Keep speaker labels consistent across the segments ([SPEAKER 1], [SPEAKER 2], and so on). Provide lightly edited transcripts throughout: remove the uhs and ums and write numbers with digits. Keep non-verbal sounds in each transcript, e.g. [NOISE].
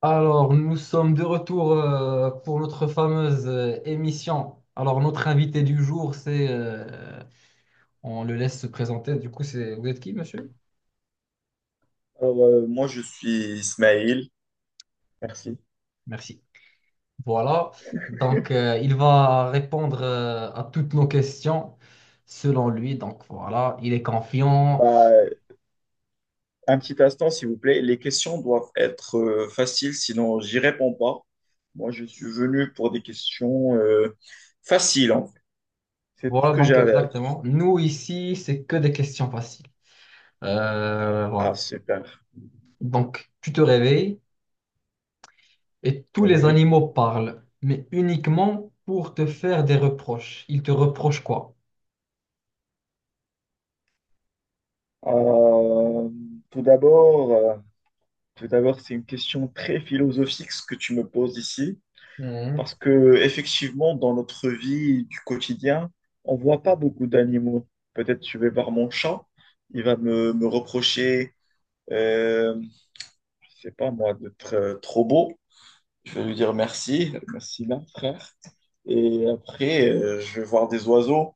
[SPEAKER 1] Alors, nous sommes de retour pour notre fameuse émission. Alors, notre invité du jour, on le laisse se présenter. Vous êtes qui, monsieur?
[SPEAKER 2] Alors, moi, je suis Ismaël. Merci.
[SPEAKER 1] Merci. Voilà. Donc, il va répondre à toutes nos questions selon lui. Donc, voilà, il est confiant.
[SPEAKER 2] Bah, un petit instant, s'il vous plaît. Les questions doivent être faciles, sinon j'y réponds pas. Moi, je suis venu pour des questions faciles, en fait. C'est tout ce
[SPEAKER 1] Voilà,
[SPEAKER 2] que
[SPEAKER 1] donc
[SPEAKER 2] j'avais à dire.
[SPEAKER 1] exactement. Nous, ici, c'est que des questions faciles.
[SPEAKER 2] Ah,
[SPEAKER 1] Voilà.
[SPEAKER 2] super.
[SPEAKER 1] Donc, tu te réveilles. Et tous les
[SPEAKER 2] Oui.
[SPEAKER 1] animaux parlent, mais uniquement pour te faire des reproches. Ils te reprochent quoi?
[SPEAKER 2] Euh, tout d'abord, euh, tout d'abord, c'est une question très philosophique ce que tu me poses ici.
[SPEAKER 1] Mhm.
[SPEAKER 2] Parce que effectivement, dans notre vie du quotidien, on voit pas beaucoup d'animaux. Peut-être je vais voir mon chat, il va me reprocher, euh, je sais pas moi, d'être trop beau. Je vais lui dire merci, merci là, frère. Et après, je vais voir des oiseaux,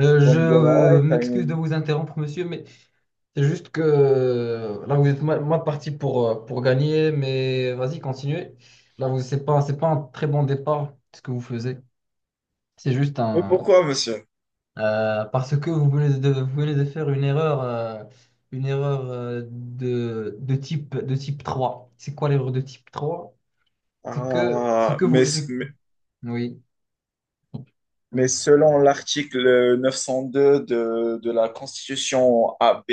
[SPEAKER 1] Euh,
[SPEAKER 2] ils vont
[SPEAKER 1] je
[SPEAKER 2] me dire, ah ouais,
[SPEAKER 1] euh,
[SPEAKER 2] t'as
[SPEAKER 1] m'excuse de
[SPEAKER 2] une...
[SPEAKER 1] vous interrompre, monsieur, mais c'est juste que là, vous êtes mal parti pour gagner, mais vas-y, continuez. Là, vous, c'est pas un très bon départ, ce que vous faisiez. C'est juste
[SPEAKER 2] Mais
[SPEAKER 1] un...
[SPEAKER 2] pourquoi, monsieur?
[SPEAKER 1] parce que vous venez de faire une erreur de type 3. C'est quoi l'erreur de type trois? C'est
[SPEAKER 2] Ah,
[SPEAKER 1] que vous,
[SPEAKER 2] mais,
[SPEAKER 1] c'est-
[SPEAKER 2] mais,
[SPEAKER 1] oui,
[SPEAKER 2] mais selon l'article 902 de la Constitution AB,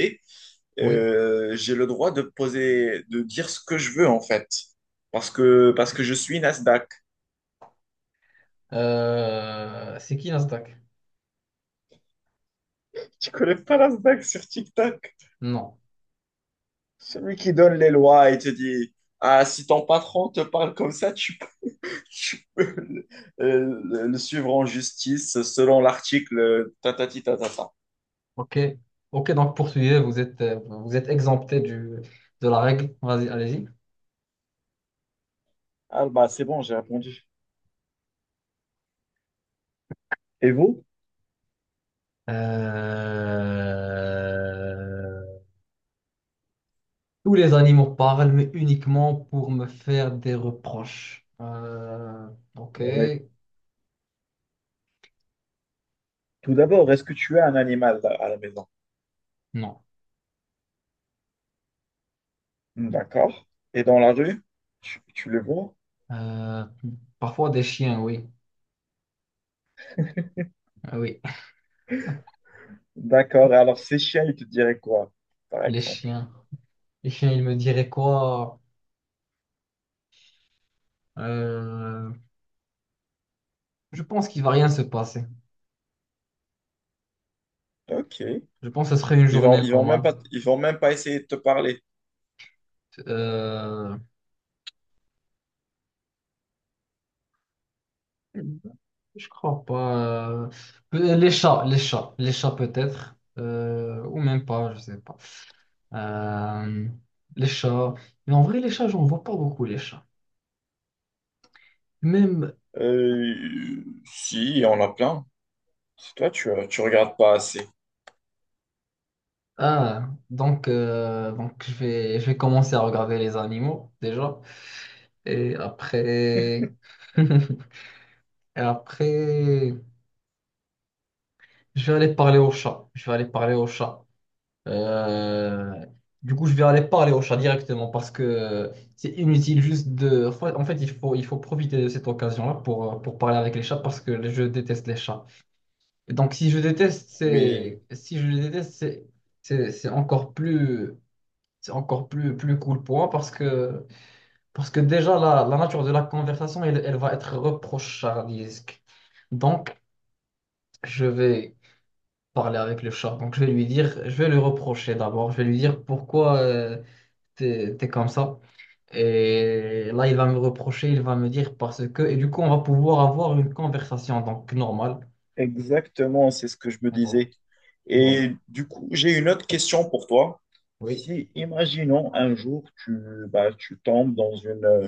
[SPEAKER 1] oui.
[SPEAKER 2] j'ai le droit de poser, de dire ce que je veux en fait, parce que je suis Nasdaq.
[SPEAKER 1] C'est qui Nasdaq?
[SPEAKER 2] Tu connais pas Nasdaq sur TikTok?
[SPEAKER 1] Non.
[SPEAKER 2] Celui qui donne les lois et te dit, ah, si ton patron te parle comme ça, peux [LAUGHS] tu peux le suivre en justice selon l'article tatati tatata.
[SPEAKER 1] Ok, ok. Donc poursuivez. Vous êtes exempté de la règle. Vas-y, allez-y.
[SPEAKER 2] Ah bah c'est bon, j'ai répondu. Et vous?
[SPEAKER 1] Euh, Tous les animaux parlent, mais uniquement pour me faire des reproches. Ok,
[SPEAKER 2] Oui. Tout d'abord, est-ce que tu as un animal à la maison?
[SPEAKER 1] non.
[SPEAKER 2] D'accord. Et dans la rue, tu le vois?
[SPEAKER 1] Euh, parfois des chiens, oui. Ah oui, [LAUGHS]
[SPEAKER 2] D'accord. Et alors, Seychelles, ils te diraient quoi, par
[SPEAKER 1] les
[SPEAKER 2] exemple?
[SPEAKER 1] chiens. Les chiens, ils me diraient quoi? Euh, Je pense qu'il va rien se passer.
[SPEAKER 2] Ok.
[SPEAKER 1] Je pense que ce serait une journée
[SPEAKER 2] Ils vont même
[SPEAKER 1] normale.
[SPEAKER 2] pas, ils vont même pas essayer de te parler.
[SPEAKER 1] Euh, je crois pas. Les chats, les chats peut-être. Ou même pas, je sais pas. Euh, les chats. Mais en vrai, les chats, j'en vois pas beaucoup, les chats. Même.
[SPEAKER 2] Euh, si, il y en a plein. C'est toi, tu regardes pas assez.
[SPEAKER 1] Ah, donc je vais commencer à regarder les animaux, déjà. Et après. [LAUGHS] Et après. Je vais aller parler aux chats. Je vais aller parler aux chats. Euh, du coup, je vais aller parler au chat directement parce que c'est inutile juste en fait, il faut profiter de cette occasion-là pour parler avec les chats parce que je déteste les chats. Et donc,
[SPEAKER 2] Oui,
[SPEAKER 1] si je les déteste, c'est encore plus... C'est encore plus, plus cool pour moi parce que déjà, la nature de la conversation, elle va être reprochardisque. Donc, je vais parler avec le chat. Donc, je vais lui dire, je vais lui reprocher d'abord. Je vais lui dire pourquoi. T'es comme ça. Et là, il va me reprocher, il va me dire parce que. Et du coup, on va pouvoir avoir une conversation, donc normale.
[SPEAKER 2] exactement, c'est ce que je me
[SPEAKER 1] Mais bon,
[SPEAKER 2] disais.
[SPEAKER 1] bon,
[SPEAKER 2] Et du coup, j'ai une autre question pour toi.
[SPEAKER 1] oui.
[SPEAKER 2] Si, imaginons un jour, bah, tu tombes dans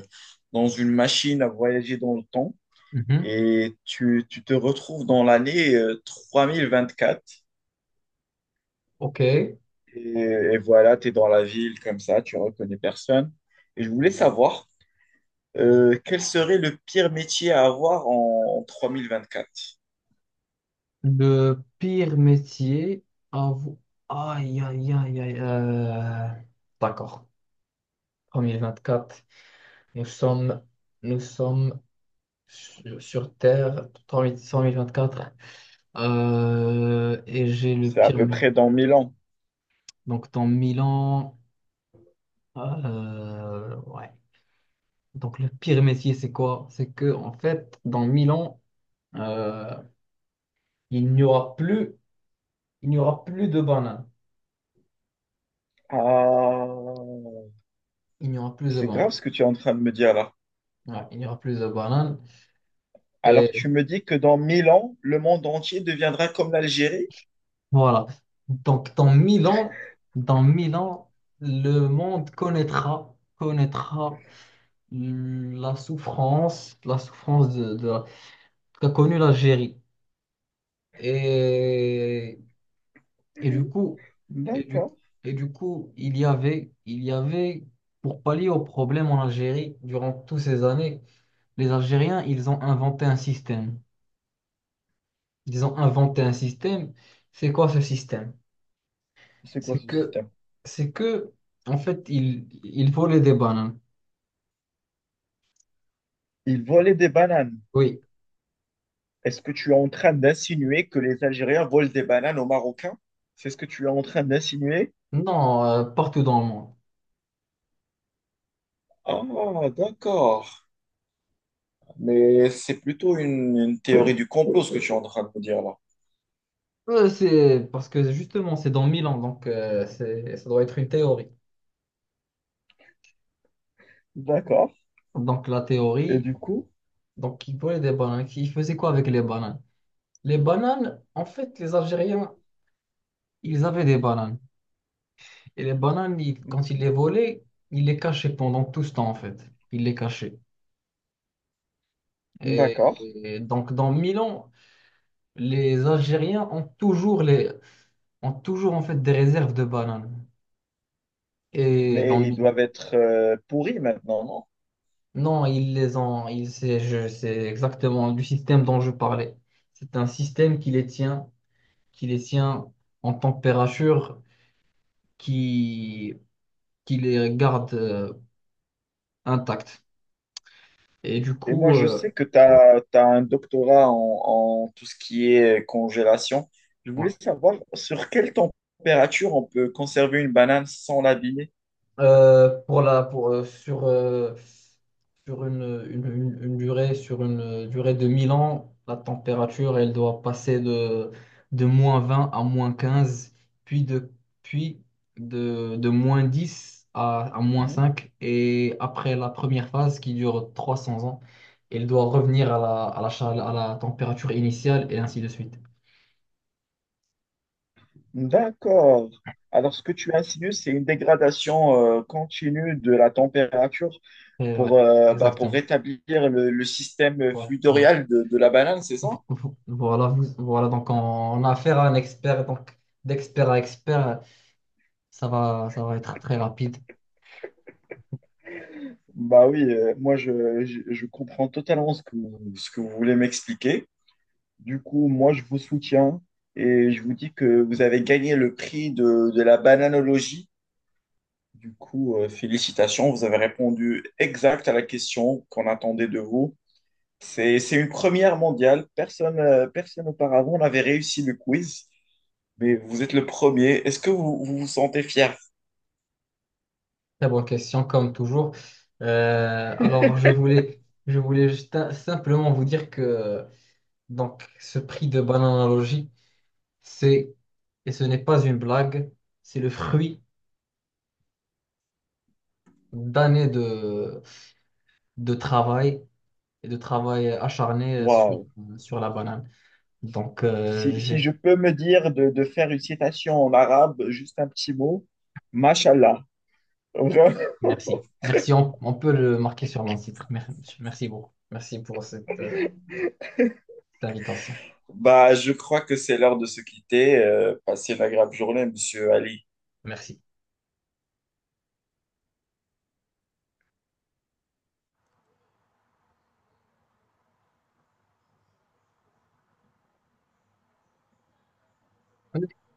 [SPEAKER 2] dans une machine à voyager dans le temps
[SPEAKER 1] Mhm.
[SPEAKER 2] et tu te retrouves dans l'année 3024.
[SPEAKER 1] OK.
[SPEAKER 2] Et voilà, tu es dans la ville comme ça, tu reconnais personne. Et je voulais savoir quel serait le pire métier à avoir en 3024.
[SPEAKER 1] Le pire métier à vous. Aïe, aïe, aïe, aïe. D'accord. 2024. Nous sommes, nous sommes sur Terre, 2024. Et j'ai le
[SPEAKER 2] C'est à
[SPEAKER 1] pire
[SPEAKER 2] peu
[SPEAKER 1] métier.
[SPEAKER 2] près dans 1000 ans.
[SPEAKER 1] Donc, dans 1000 ans. Ouais. Donc le pire métier, c'est quoi? C'est que en fait, dans 1000 ans, euh, il n'y aura plus, il n'y aura plus de bananes.
[SPEAKER 2] Ah,
[SPEAKER 1] Il n'y aura plus de
[SPEAKER 2] c'est grave
[SPEAKER 1] bananes.
[SPEAKER 2] ce que tu es en train de me dire là.
[SPEAKER 1] Ouais, il n'y aura plus de bananes.
[SPEAKER 2] Alors
[SPEAKER 1] Et
[SPEAKER 2] tu me dis que dans 1000 ans, le monde entier deviendra comme l'Algérie?
[SPEAKER 1] voilà. Donc dans mille ans, dans 1000 ans, le monde connaîtra la souffrance, qu'a connue l'Algérie. Et Et du coup, et du,
[SPEAKER 2] D'accord.
[SPEAKER 1] et du coup, il y avait, pour pallier au problème en Algérie, durant toutes ces années, les Algériens, ils ont inventé un système. Ils ont inventé un système. C'est quoi ce système?
[SPEAKER 2] C'est quoi
[SPEAKER 1] C'est
[SPEAKER 2] ce
[SPEAKER 1] que,
[SPEAKER 2] système?
[SPEAKER 1] c'est que, en fait, ils volaient des bananes.
[SPEAKER 2] Ils volaient des bananes.
[SPEAKER 1] Oui.
[SPEAKER 2] Est-ce que tu es en train d'insinuer que les Algériens volent des bananes aux Marocains? C'est ce que tu es en train d'insinuer?
[SPEAKER 1] Non, partout dans le monde.
[SPEAKER 2] Ah, d'accord. Mais c'est plutôt une théorie du complot, ce que tu es en train de me dire là.
[SPEAKER 1] C'est parce que justement, c'est dans 1000 ans donc ça doit être une théorie.
[SPEAKER 2] D'accord.
[SPEAKER 1] Donc la
[SPEAKER 2] Et
[SPEAKER 1] théorie,
[SPEAKER 2] du coup,
[SPEAKER 1] donc ils volaient des bananes. Ils faisaient quoi avec les bananes? Les bananes, en fait, les Algériens, ils avaient des bananes. Et les bananes, quand ils les volaient, ils les cachaient pendant tout ce temps, en fait. Ils les cachaient. Et,
[SPEAKER 2] d'accord.
[SPEAKER 1] et donc, dans Milan, les Algériens ont toujours, les, ont toujours en fait, des réserves de bananes. Et dans
[SPEAKER 2] Mais ils
[SPEAKER 1] Mi-
[SPEAKER 2] doivent être pourris maintenant, non?
[SPEAKER 1] Non, ils les ont. C'est exactement du système dont je parlais. C'est un système qui les tient en température, qui, qui les garde intacts. Et du
[SPEAKER 2] Et moi,
[SPEAKER 1] coup,
[SPEAKER 2] je sais que tu as, un doctorat en tout ce qui est congélation. Je
[SPEAKER 1] ouais.
[SPEAKER 2] voulais savoir sur quelle température on peut conserver une banane sans l'abîmer.
[SPEAKER 1] Pour la, pour, sur, sur une durée, sur une durée de 1000 ans, la température, elle doit passer de -20 à -15, puis de, puis de -10 à moins
[SPEAKER 2] Mhm.
[SPEAKER 1] cinq, Et après la première phase qui dure 300 ans, elle doit revenir à à la température initiale et ainsi de suite.
[SPEAKER 2] D'accord. Alors, ce que tu insinues, c'est une dégradation continue de la température
[SPEAKER 1] Et ouais,
[SPEAKER 2] pour, bah, pour
[SPEAKER 1] exactement.
[SPEAKER 2] rétablir le système
[SPEAKER 1] Ouais, ouais.
[SPEAKER 2] fluidorial de la banane, c'est ça?
[SPEAKER 1] [LAUGHS] Voilà, donc on a affaire à un expert, donc d'expert à expert, ça va être très rapide.
[SPEAKER 2] Bah oui, moi, je comprends totalement ce que, ce que vous voulez m'expliquer. Du coup, moi, je vous soutiens et je vous dis que vous avez gagné le prix de la bananologie. Du coup, félicitations, vous avez répondu exact à la question qu'on attendait de vous. C'est une première mondiale. Personne auparavant n'avait réussi le quiz, mais vous êtes le premier. Est-ce que vous vous sentez fier?
[SPEAKER 1] Très bonne question, comme toujours. Alors, je voulais simplement vous dire que donc, ce prix de Bananalogie, c'est, et ce n'est pas une blague, c'est le fruit d'années de travail et de travail acharné sur,
[SPEAKER 2] Waouh.
[SPEAKER 1] sur la banane. Donc,
[SPEAKER 2] Si, si
[SPEAKER 1] j'ai
[SPEAKER 2] je peux me dire de faire une citation en arabe, juste un petit mot, Mashallah. [LAUGHS]
[SPEAKER 1] merci. Merci, on peut le marquer sur mon site. Merci beaucoup. Merci pour cette, cette invitation.
[SPEAKER 2] Bah, je crois que c'est l'heure de se quitter. Passez une agréable journée, monsieur Ali.
[SPEAKER 1] Merci.